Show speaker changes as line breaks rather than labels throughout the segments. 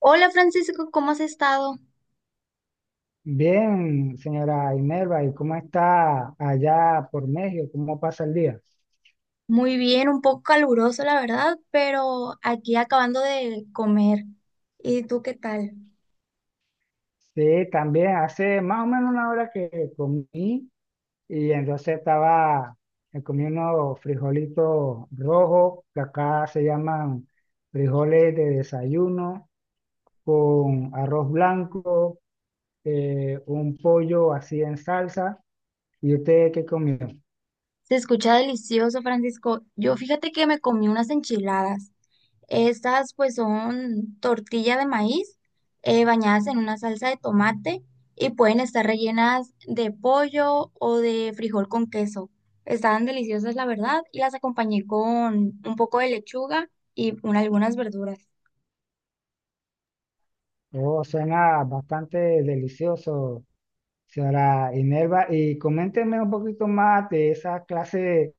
Hola Francisco, ¿cómo has estado?
Bien, señora Imelva, ¿y cómo está allá por México? ¿Cómo pasa el día?
Muy bien, un poco caluroso la verdad, pero aquí acabando de comer. ¿Y tú qué tal?
Sí, también hace más o menos una hora que comí y entonces estaba comiendo frijolitos rojos, que acá se llaman frijoles de desayuno, con arroz blanco, un pollo así en salsa. ¿Y usted qué comió?
Se escucha delicioso, Francisco. Yo fíjate que me comí unas enchiladas. Estas pues son tortilla de maíz bañadas en una salsa de tomate y pueden estar rellenas de pollo o de frijol con queso. Estaban deliciosas la verdad y las acompañé con un poco de lechuga y algunas verduras.
Oh, suena bastante delicioso, señora Inerva, y coménteme un poquito más de esa clase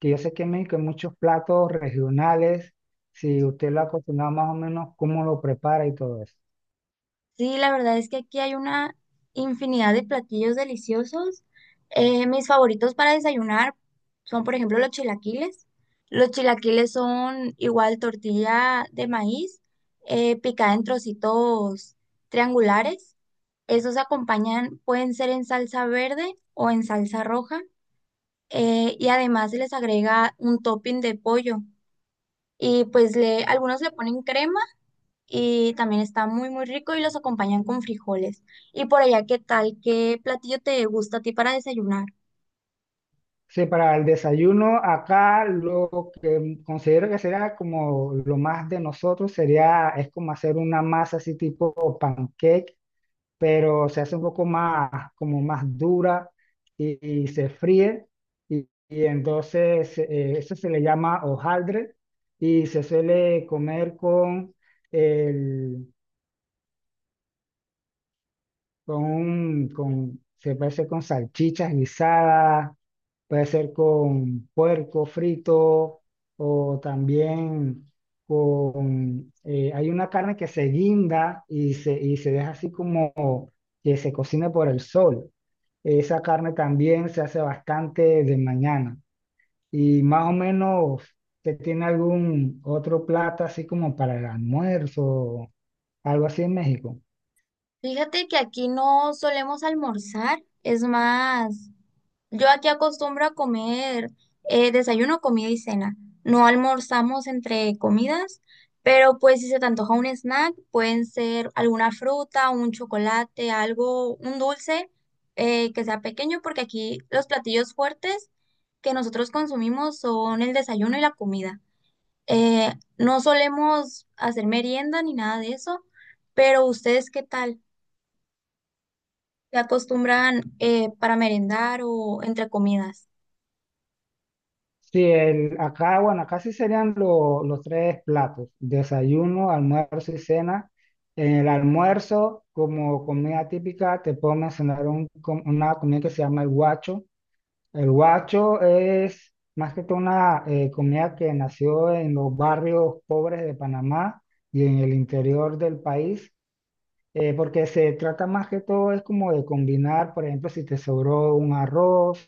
que yo sé que en México hay muchos platos regionales, si usted lo ha cocinado más o menos, cómo lo prepara y todo eso.
Sí, la verdad es que aquí hay una infinidad de platillos deliciosos. Mis favoritos para desayunar son, por ejemplo, los chilaquiles. Los chilaquiles son igual tortilla de maíz picada en trocitos triangulares. Esos acompañan, pueden ser en salsa verde o en salsa roja. Y además se les agrega un topping de pollo. Y pues algunos le ponen crema y también está muy, muy rico y los acompañan con frijoles. Y por allá, ¿qué tal? ¿Qué platillo te gusta a ti para desayunar?
Sí, para el desayuno acá lo que considero que será como lo más de nosotros sería, es como hacer una masa así tipo pancake, pero se hace un poco más, como más dura, y se fríe. Y entonces eso se le llama hojaldre y se suele comer con el, con se puede hacer con salchichas guisadas, puede ser con puerco frito o también con, hay una carne que se guinda y se deja así como que se cocine por el sol. Esa carne también se hace bastante de mañana. Y más o menos, ¿te tiene algún otro plato así como para el almuerzo, algo así en México?
Fíjate que aquí no solemos almorzar, es más. Yo aquí acostumbro a comer desayuno, comida y cena. No almorzamos entre comidas, pero pues si se te antoja un snack, pueden ser alguna fruta, un chocolate, algo, un dulce que sea pequeño, porque aquí los platillos fuertes que nosotros consumimos son el desayuno y la comida. Eh, no solemos hacer merienda ni nada de eso, pero ¿ustedes qué tal? ¿Se acostumbran para merendar o entre comidas?
Sí, acá, bueno, acá sí serían los tres platos: desayuno, almuerzo y cena. En el almuerzo, como comida típica, te puedo mencionar una comida que se llama el guacho. El guacho es más que todo una comida que nació en los barrios pobres de Panamá y en el interior del país, porque se trata más que todo es como de combinar. Por ejemplo, si te sobró un arroz,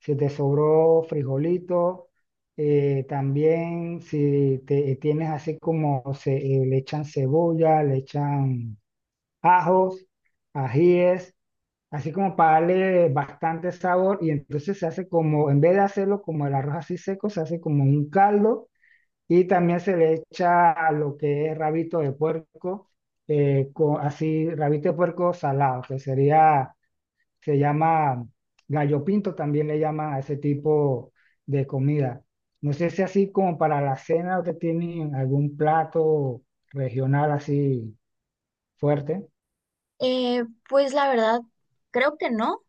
si te sobró frijolito, también si te tienes así le echan cebolla, le echan ajos, ajíes, así como para darle bastante sabor, y entonces se hace como, en vez de hacerlo como el arroz así seco, se hace como un caldo. Y también se le echa a lo que es rabito de puerco, así, rabito de puerco salado, que sería, se llama gallo pinto, también le llaman a ese tipo de comida. No sé si así como para la cena o que tienen algún plato regional así fuerte.
Pues la verdad, creo que no,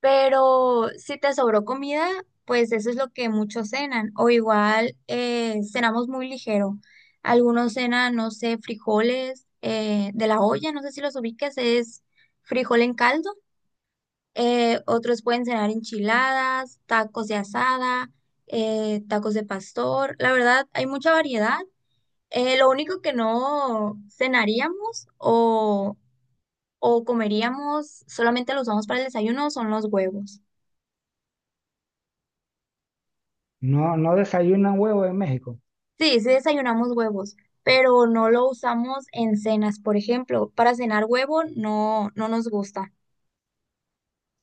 pero si te sobró comida, pues eso es lo que muchos cenan, o igual cenamos muy ligero. Algunos cenan, no sé, frijoles de la olla, no sé si los ubiques, es frijol en caldo. Otros pueden cenar enchiladas, tacos de asada, tacos de pastor. La verdad, hay mucha variedad. Lo único que no cenaríamos o comeríamos, solamente lo usamos para el desayuno, son los huevos.
No, no desayunan huevo en México.
Sí, sí desayunamos huevos, pero no lo usamos en cenas, por ejemplo. Para cenar huevo no, no nos gusta.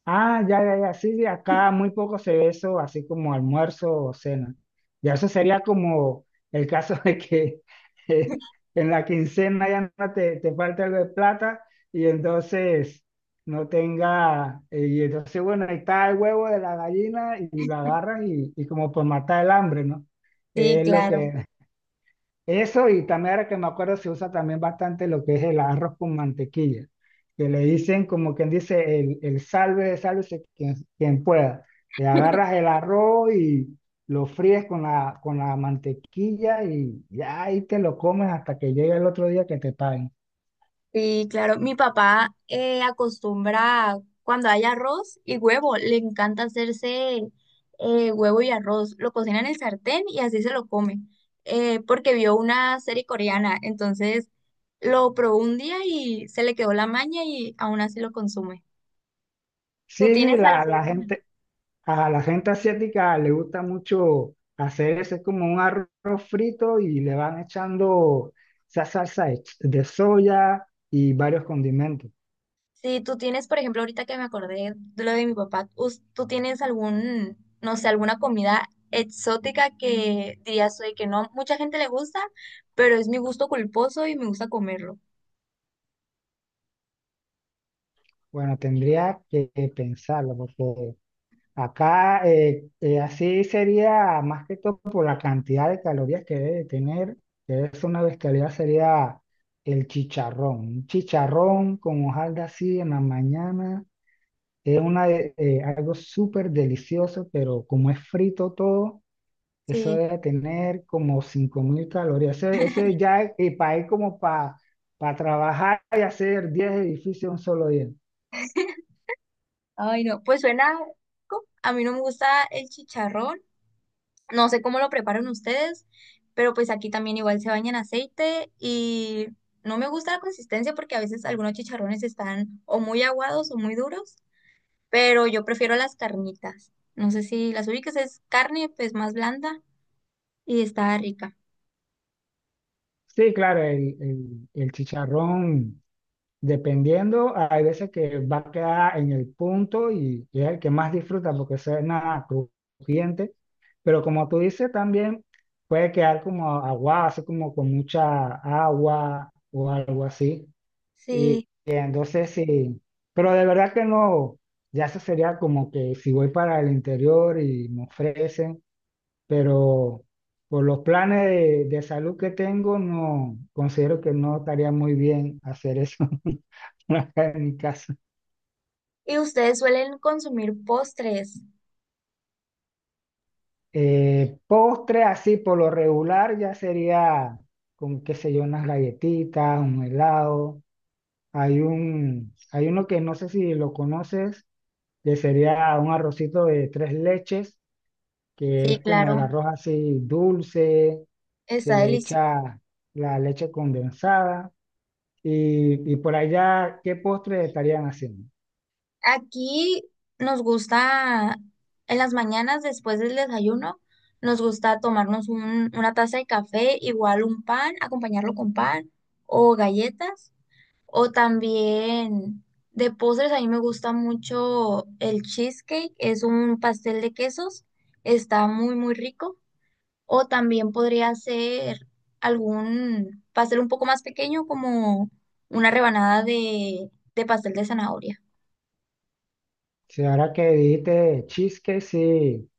Ah, ya, ya, ya, sí, sí, acá muy poco se ve eso, así como almuerzo o cena. Ya eso sería como el caso de que eh, en la quincena ya no te falta algo de plata y entonces no tenga, y entonces bueno, ahí está el huevo de la gallina y lo agarras y, como por matar el hambre, ¿no?
Sí,
Es lo
claro,
que, eso. Y también, ahora que me acuerdo, se usa también bastante lo que es el arroz con mantequilla, que le dicen como quien dice el salve, sálvese quien pueda. Y agarras el arroz y lo fríes con la mantequilla, y ya ahí te lo comes hasta que llegue el otro día que te paguen.
sí, claro. Mi papá acostumbra cuando hay arroz y huevo, le encanta hacerse huevo y arroz. Lo cocina en el sartén y así se lo come, porque vio una serie coreana. Entonces lo probó un día y se le quedó la maña y aún así lo consume. ¿Tú
Sí, sí,
tienes algún,
a la gente asiática le gusta mucho hacer eso, es como un arroz frito y le van echando esa salsa de de soya y varios condimentos.
sí, tú tienes, por ejemplo, ahorita que me acordé de lo de mi papá, tú tienes algún, no sé, alguna comida exótica que dirías, oye, que no, mucha gente le gusta, pero es mi gusto culposo y me gusta comerlo?
Bueno, tendría que pensarlo, porque acá así sería más que todo por la cantidad de calorías que debe tener, que es una bestialidad, sería el chicharrón. Un chicharrón con hojalda así en la mañana es algo súper delicioso, pero como es frito todo, eso
Sí.
debe tener como 5.000 calorías. Ese ya es para ir como para trabajar y hacer 10 edificios en un solo día.
Ay, no, pues suena, rico. A mí no me gusta el chicharrón, no sé cómo lo preparan ustedes, pero pues aquí también igual se baña en aceite y no me gusta la consistencia porque a veces algunos chicharrones están o muy aguados o muy duros. Pero yo prefiero las carnitas. No sé si las ubicas, es carne pues más blanda y está rica.
Sí, claro, el chicharrón, dependiendo, hay veces que va a quedar en el punto, y es el que más disfruta porque suena crujiente, pero como tú dices, también puede quedar como agua, así como con mucha agua o algo así. Y,
Sí.
y entonces sí, pero de verdad que no, ya eso sería como que si voy para el interior y me ofrecen, pero por los planes de salud que tengo, no considero que no estaría muy bien hacer eso acá en mi casa.
¿Y ustedes suelen consumir postres?
Postre así por lo regular ya sería como qué sé yo, unas galletitas, un helado. Hay uno que no sé si lo conoces, que sería un arrocito de tres leches, que
Sí,
es como el
claro,
arroz así dulce, se
está
le
delicioso.
echa la leche condensada. Y por allá, ¿qué postre estarían haciendo?
Aquí nos gusta, en las mañanas después del desayuno, nos gusta tomarnos una taza de café, igual un pan, acompañarlo con pan o galletas. O también de postres, a mí me gusta mucho el cheesecake, es un pastel de quesos, está muy, muy rico. O también podría ser algún pastel un poco más pequeño, como una rebanada de pastel de zanahoria.
Si ahora que dijiste cheesecake, sí,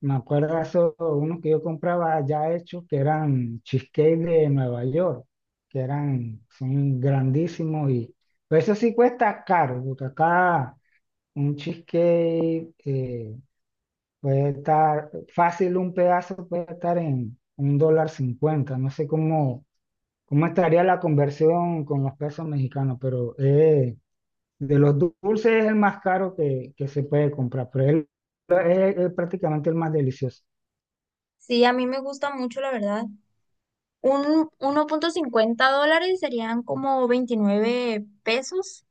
me acuerdo de esos, unos que yo compraba ya hechos, que eran cheesecake de Nueva York, que eran, son grandísimos. Y pero eso sí cuesta caro, porque acá un cheesecake, puede estar fácil, un pedazo puede estar en $1.50, no sé cómo estaría la conversión con los pesos mexicanos, pero. De los dulces es el más caro que se puede comprar, pero es prácticamente el más delicioso.
Sí, a mí me gusta mucho, la verdad. Un $1.50 serían como 29 pesos.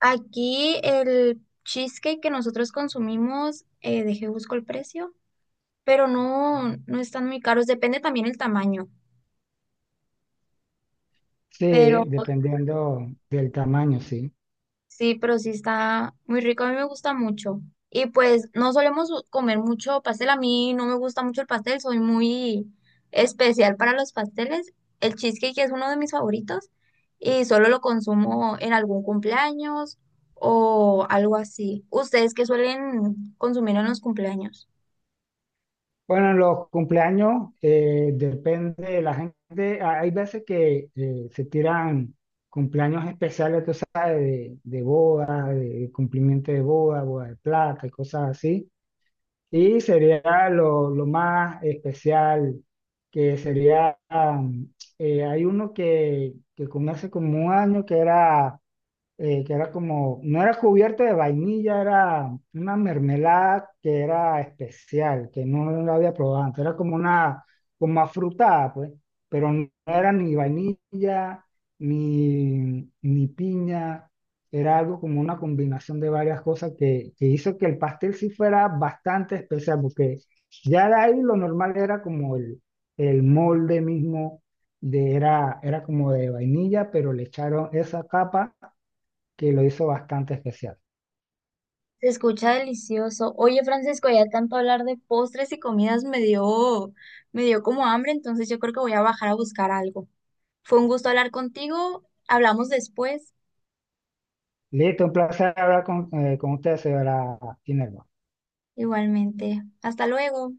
Aquí el cheesecake que nosotros consumimos, dejé busco el precio. Pero no, no están muy caros, depende también el tamaño,
Sí,
pero
dependiendo del tamaño, sí.
sí, pero sí está muy rico, a mí me gusta mucho. Y pues no solemos comer mucho pastel, a mí no me gusta mucho el pastel, soy muy especial para los pasteles. El cheesecake es uno de mis favoritos y solo lo consumo en algún cumpleaños o algo así. ¿Ustedes qué suelen consumir en los cumpleaños?
Bueno, en los cumpleaños, depende de la gente. Ah, hay veces que se tiran cumpleaños especiales, tú sabes, de boda, de cumplimiento de boda, boda de plata y cosas así. Y sería lo más especial, que sería, hay uno que con hace como un año que era como, no era cubierta de vainilla, era una mermelada que era especial, que no la había probado antes, era como afrutada, pues, pero no era ni vainilla, ni piña, era algo como una combinación de varias cosas que hizo que el pastel sí fuera bastante especial, porque ya de ahí lo normal era como el molde mismo. Era como de vainilla, pero le echaron esa capa que lo hizo bastante especial.
Se escucha delicioso. Oye, Francisco, ya tanto hablar de postres y comidas me dio como hambre, entonces yo creo que voy a bajar a buscar algo. Fue un gusto hablar contigo. Hablamos después.
Listo, un placer hablar con usted, señora Inelva.
Igualmente. Hasta luego.